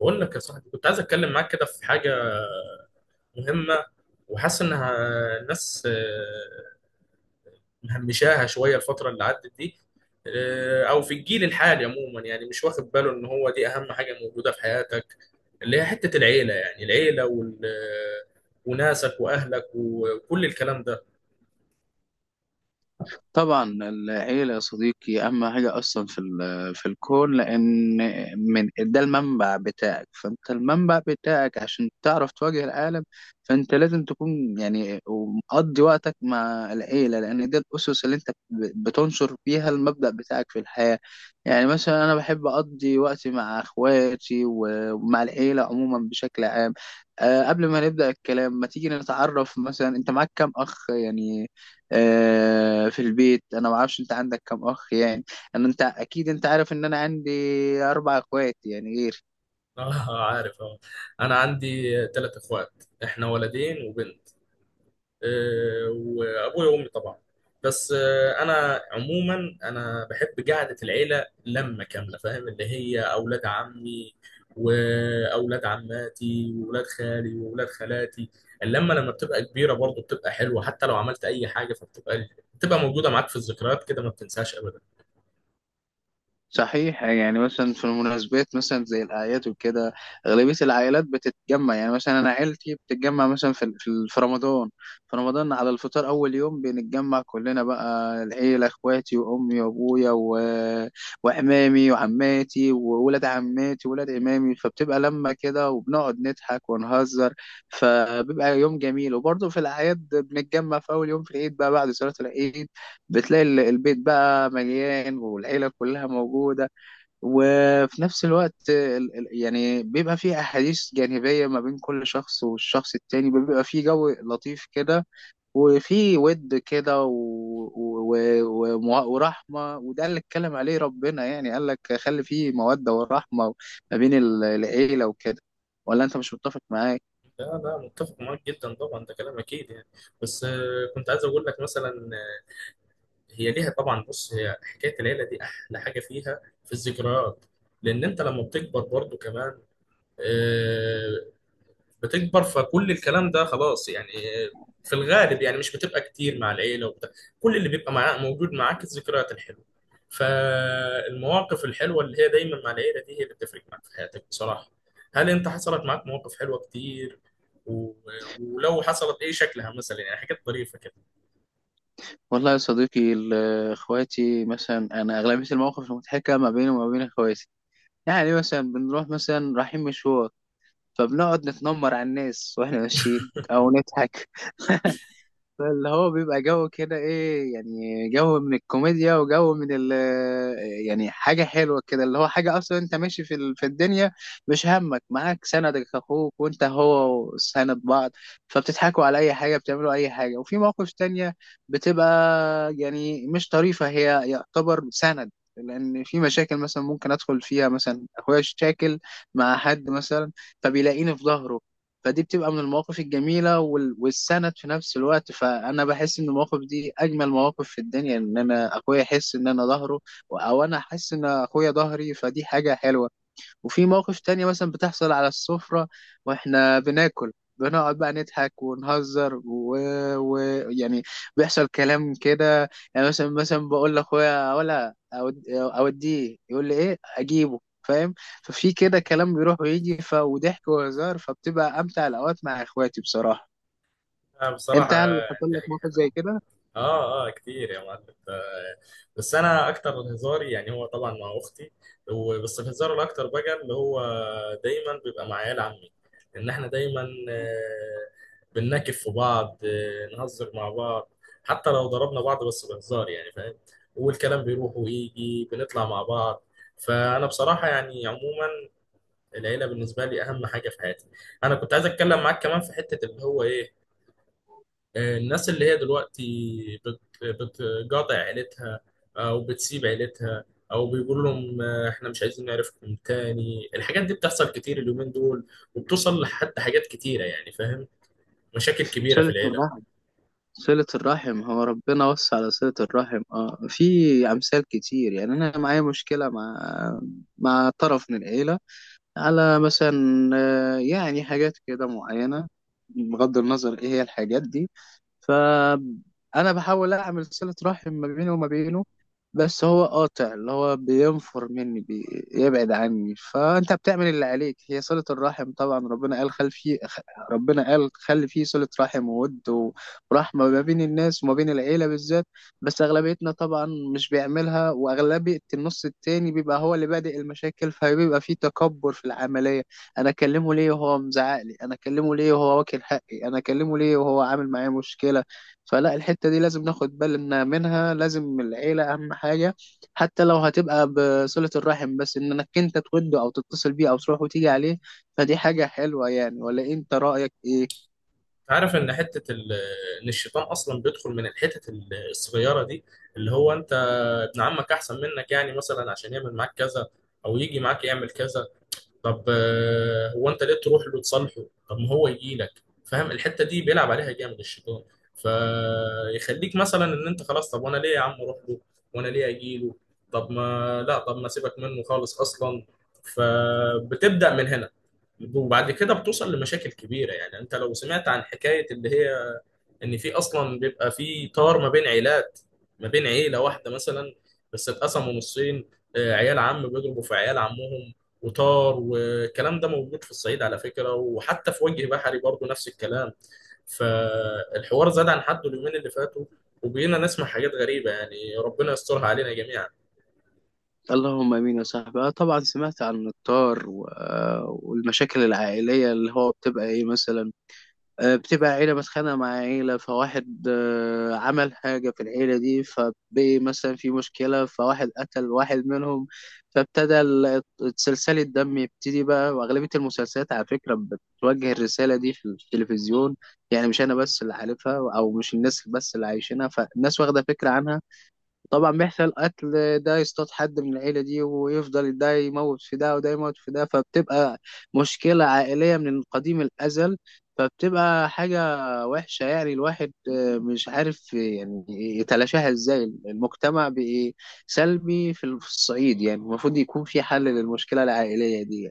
بقول لك يا صاحبي، كنت عايز اتكلم معاك كده في حاجه مهمه، وحاسس انها الناس مهمشاها شويه الفتره اللي عدت دي. او في الجيل الحالي عموما، يعني مش واخد باله ان هو دي اهم حاجه موجوده في حياتك، اللي هي حته العيله. يعني العيله وناسك واهلك وكل الكلام ده. طبعا العيلة يا صديقي أهم حاجة أصلا في الكون، لأن من ده المنبع بتاعك. فأنت المنبع بتاعك عشان تعرف تواجه العالم. فأنت لازم تكون يعني مقضي وقتك مع العيلة، لأن ده الأسس اللي أنت بتنشر فيها المبدأ بتاعك في الحياة. يعني مثلا أنا بحب أقضي وقتي مع إخواتي ومع العيلة عموما بشكل عام. قبل ما نبدأ الكلام، ما تيجي نتعرف. مثلا أنت معاك كام أخ يعني؟ في البيت، انا ما اعرفش انت عندك كم اخ يعني. انت اكيد انت عارف ان انا عندي اربع اخوات يعني غيري. اه، عارف، اه. انا عندي 3 اخوات، احنا ولدين وبنت، وابويا وامي طبعا. بس انا عموما، انا بحب قعده العيله لمه كامله، فاهم؟ اللي هي اولاد عمي واولاد عماتي واولاد خالي واولاد خالاتي. اللمه لما بتبقى كبيره برضه بتبقى حلوه، حتى لو عملت اي حاجه، فبتبقى بتبقى موجوده معاك في الذكريات كده، ما بتنساش ابدا. صحيح، يعني مثلا في المناسبات مثلا زي الأعياد وكده، أغلبية العائلات بتتجمع. يعني مثلا أنا عيلتي بتتجمع مثلا في رمضان. في رمضان على الفطار أول يوم بنتجمع كلنا، بقى العيلة إخواتي وأمي وأبويا وعمامي وعماتي وولاد عماتي وولاد عمامي، فبتبقى لمة كده وبنقعد نضحك ونهزر. فبيبقى يوم جميل. وبرضه في الأعياد بنتجمع في أول يوم في العيد بقى، بعد صلاة العيد، بتلاقي البيت بقى مليان والعيلة كلها موجودة. وفي نفس الوقت يعني بيبقى فيه أحاديث جانبية ما بين كل شخص والشخص التاني، بيبقى فيه جو لطيف كده، وفيه ود كده ورحمة. وده اللي اتكلم عليه ربنا، يعني قال لك خلي فيه مودة ورحمة ما بين العيلة وكده. ولا أنت مش متفق معايا؟ لا لا، متفق معاك جدا طبعا، ده كلام اكيد يعني. بس كنت عايز اقول لك مثلا، هي ليها طبعا. بص، هي حكايه العيله دي احلى حاجه فيها في الذكريات، لان انت لما بتكبر برضو كمان، آه، بتكبر، فكل الكلام ده خلاص يعني. آه، في الغالب يعني مش بتبقى كتير مع العيله وبتاع. كل اللي بيبقى معاك موجود معاك الذكريات الحلوه، فالمواقف الحلوه اللي هي دايما مع العيله دي، هي اللي بتفرق معاك في حياتك بصراحه. هل انت حصلت معاك مواقف حلوه كتير؟ و- ولو حصلت، ايه شكلها مثلا؟ يعني حاجات ظريفه كده. والله يا صديقي. اخواتي مثلا، انا اغلبيه المواقف المضحكه ما بيني وما بين اخواتي. يعني مثلا بنروح، مثلا رايحين مشوار، فبنقعد نتنمر على الناس واحنا ماشيين او نضحك. فاللي هو بيبقى جو كده، ايه يعني، جو من الكوميديا وجو من ال يعني حاجة حلوة كده. اللي هو حاجة، اصلا انت ماشي في الدنيا، مش همك، معاك سندك اخوك، وانت هو سند بعض. فبتضحكوا على اي حاجة، بتعملوا اي حاجة. وفي مواقف تانية بتبقى، يعني مش طريفة، هي يعتبر سند، لان في مشاكل مثلا ممكن ادخل فيها. مثلا اخويا شاكل مع حد مثلا، فبيلاقيني في ظهره. فدي بتبقى من المواقف الجميلة والسند في نفس الوقت. فأنا بحس إن المواقف دي أجمل مواقف في الدنيا، إن أنا أخويا يحس إن أنا ظهره، أو أنا أحس إن أخويا ظهري. فدي حاجة حلوة. وفي مواقف تانية مثلا بتحصل على السفرة واحنا بناكل، بنقعد بقى نضحك ونهزر يعني بيحصل كلام كده. يعني مثلا بقول لاخويا ولا اوديه، يقول لي ايه اجيبه، فاهم؟ ففي كده كلام بيروح ويجي وضحك وهزار، فبتبقى امتع الاوقات مع اخواتي بصراحة. انت بصراحه، هل حصل دي لك حاجه موقف حلوه. زي كده؟ اه، اه، كتير يا معلم. بس انا اكتر هزاري يعني، هو طبعا مع اختي، بس الهزار الاكتر بقى، اللي هو دايما بيبقى مع عيال عمي. ان احنا دايما آه، بنناكف في بعض، نهزر مع بعض، حتى لو ضربنا بعض بس بهزار، يعني فاهم. والكلام بيروح ويجي، بنطلع مع بعض. فانا بصراحه يعني عموما، العيله بالنسبه لي اهم حاجه في حياتي. انا كنت عايز اتكلم معاك كمان في حته، اللي هو ايه، الناس اللي هي دلوقتي بت- بتقاطع عيلتها، او بتسيب عيلتها، او بيقول لهم احنا مش عايزين نعرفكم تاني. الحاجات دي بتحصل كتير اليومين دول، وبتوصل لحتى حاجات كتيرة يعني، فاهم؟ مشاكل كبيرة في شلت العيلة. مرة صلة الرحم. هو ربنا وصى على صلة الرحم، في أمثال كتير. يعني أنا معايا مشكلة مع طرف من العيلة، على مثلا يعني حاجات كده معينة. بغض النظر إيه هي الحاجات دي، فأنا بحاول أعمل صلة رحم ما بيني وما بينه. بس هو قاطع، اللي هو بينفر مني، بيبعد عني. فأنت بتعمل اللي عليك، هي صلة الرحم. طبعا ربنا قال خلي فيه صلة رحم وود ورحمة ما بين الناس وما بين العيلة بالذات. بس أغلبيتنا طبعا مش بيعملها. وأغلبية النص التاني بيبقى هو اللي بادئ المشاكل، فبيبقى فيه تكبر في العملية. انا اكلمه ليه وهو مزعق لي؟ انا اكلمه ليه وهو واكل حقي؟ انا اكلمه ليه وهو عامل معايا مشكله؟ فلا، الحته دي لازم ناخد بالنا منها. لازم العيله اهم حاجه، حتى لو هتبقى بصله الرحم. بس انك انت توده، او تتصل بيه، او تروح وتيجي عليه. فدي حاجه حلوه يعني. ولا انت رايك ايه؟ عارف ان ان الشيطان اصلا بيدخل من الصغيرة دي، اللي هو انت ابن عمك احسن منك، يعني مثلا عشان يعمل معاك كذا، او يجي معاك يعمل كذا. طب هو انت ليه تروح له تصالحه؟ طب ما هو يجي لك. فاهم؟ الحته دي بيلعب عليها جامد الشيطان، فيخليك مثلا ان انت خلاص، طب وانا ليه يا عم اروح له، وانا ليه اجي له؟ طب ما لا، طب ما سيبك منه خالص اصلا. فبتبدا من هنا، وبعد كده بتوصل لمشاكل كبيره. يعني انت لو سمعت عن حكايه اللي هي ان في اصلا بيبقى في طار ما بين عيلات، ما بين عيله واحده مثلا، بس اتقسموا نصين، عيال عم بيضربوا في عيال عمهم، وطار، والكلام ده موجود في الصعيد على فكره، وحتى في وجه بحري برضه نفس الكلام. فالحوار زاد عن حده اليومين اللي فاتوا، وبقينا نسمع حاجات غريبه، يعني ربنا يسترها علينا جميعا. اللهم امين يا صاحبي. طبعا سمعت عن الطار والمشاكل العائليه. اللي هو بتبقى ايه مثلا؟ بتبقى عيلة متخانقة مع عيلة، فواحد عمل حاجة في العيلة دي، فبقي مثلا في مشكلة. فواحد قتل واحد منهم، فابتدى ال- سلسلة الدم يبتدي بقى. وأغلبية المسلسلات على فكرة بتوجه الرسالة دي في التلفزيون. يعني مش أنا بس اللي عارفها، أو مش الناس بس اللي عايشينها، فالناس واخدة فكرة عنها. طبعا بيحصل قتل، ده يصطاد حد من العيلة دي، ويفضل ده يموت في ده وده يموت في ده، فبتبقى مشكلة عائلية من قديم الأزل. فبتبقى حاجة وحشة يعني. الواحد مش عارف يعني يتلاشاها ازاي. المجتمع بقى سلبي في الصعيد، يعني المفروض يكون في حل للمشكلة العائلية دي.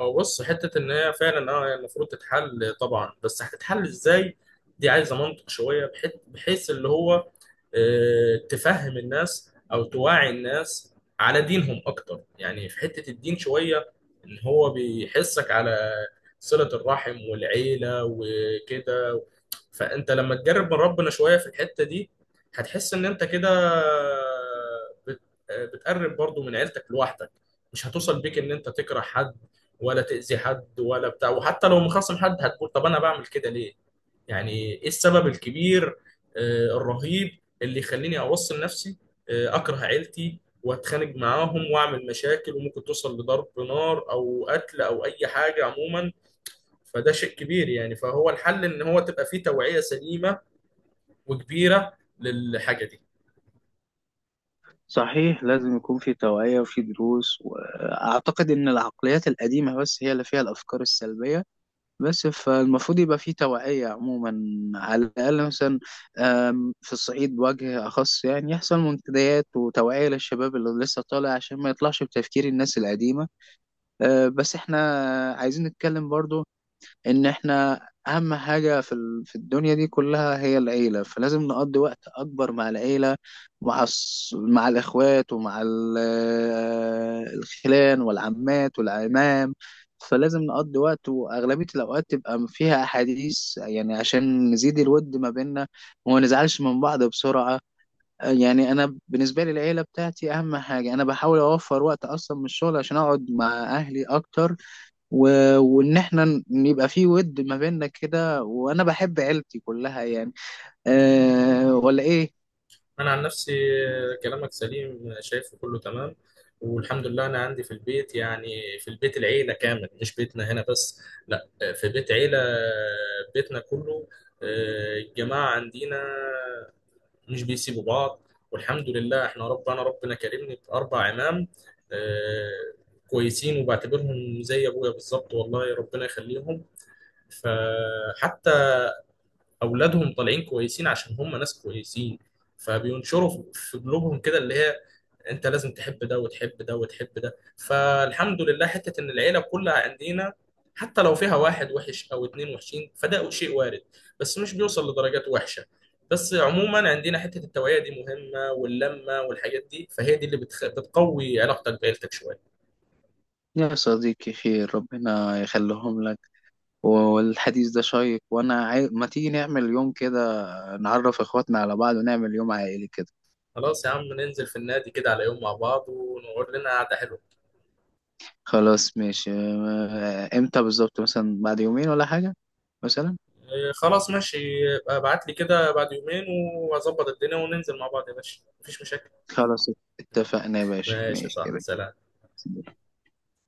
هو بص، حتة إن هي فعلا أه هي المفروض تتحل طبعا، بس هتتحل إزاي؟ دي عايزة منطق شوية، بحيث اللي هو تفهم الناس أو توعي الناس على دينهم أكتر، يعني في حتة الدين شوية، إن هو بيحسك على صلة الرحم والعيلة وكده. فانت لما تجرب من ربنا شويه في الحته دي، هتحس ان انت كده بت- بتقرب برضو من عيلتك لوحدك. مش هتوصل بيك ان انت تكره حد، ولا تأذي حد ولا بتاع. وحتى لو مخاصم حد، هتقول طب انا بعمل كده ليه؟ يعني ايه السبب الكبير الرهيب اللي يخليني اوصل نفسي اكره عيلتي واتخانق معاهم واعمل مشاكل، وممكن توصل لضرب نار او قتل او اي حاجه عموما. فده شيء كبير يعني. فهو الحل ان هو تبقى فيه توعية سليمة وكبيرة للحاجة دي. صحيح، لازم يكون في توعية وفي دروس. وأعتقد إن العقليات القديمة بس هي اللي فيها الأفكار السلبية. بس فالمفروض يبقى في توعية عموما، على الأقل مثلا في الصعيد بوجه أخص. يعني يحصل منتديات وتوعية للشباب اللي لسه طالع، عشان ما يطلعش بتفكير الناس القديمة. بس احنا عايزين نتكلم برضو ان احنا اهم حاجة في الدنيا دي كلها هي العيلة. فلازم نقضي وقت اكبر مع العيلة، مع الاخوات، ومع الخلان والعمات والعمام. فلازم نقضي وقت، واغلبية الاوقات تبقى فيها احاديث، يعني عشان نزيد الود ما بيننا وما نزعلش من بعض بسرعة. يعني انا بالنسبة لي العيلة بتاعتي اهم حاجة. انا بحاول اوفر وقت اصلا من الشغل عشان اقعد مع اهلي اكتر و... وان احنا يبقى في ود ما بيننا كده. وانا بحب عيلتي كلها يعني. أه ولا ايه؟ انا عن نفسي كلامك سليم، شايفه كله تمام، والحمد لله. انا عندي في البيت يعني، في البيت العيلة كامل، مش بيتنا هنا بس، لا، في بيت عيلة، بيتنا كله، الجماعة عندنا مش بيسيبوا بعض. والحمد لله احنا ربنا كرمني ب4 عمام، آه، كويسين، وبعتبرهم زي ابويا بالظبط، والله ربنا يخليهم. فحتى اولادهم طالعين كويسين، عشان هم ناس كويسين، فبينشروا في قلوبهم كده اللي هي انت لازم تحب ده وتحب ده وتحب ده. فالحمد لله حتة ان العيلة كلها عندنا، حتى لو فيها واحد وحش او اتنين وحشين، فده شيء وارد، بس مش بيوصل لدرجات وحشة. بس عموما عندنا حتة التوعية دي مهمة، واللمة والحاجات دي، فهي دي اللي بتقوي علاقتك بعيلتك شوية. يا صديقي خير، ربنا يخليهم لك. والحديث ده شيق. وانا ما تيجي نعمل يوم كده، نعرف اخواتنا على بعض ونعمل يوم عائلي كده. خلاص يا عم، ننزل في النادي كده على يوم مع بعض، ونقعد لنا قعدة حلوة. خلاص ماشي. امتى بالظبط؟ مثلا بعد يومين ولا حاجة مثلا. إيه، خلاص ماشي، يبقى ابعت لي كده بعد يومين، واظبط الدنيا، وننزل مع بعض يا باشا، مفيش مشاكل. خلاص، اتفقنا يا باشا، ماشي، ماشي صح، كده. سلام.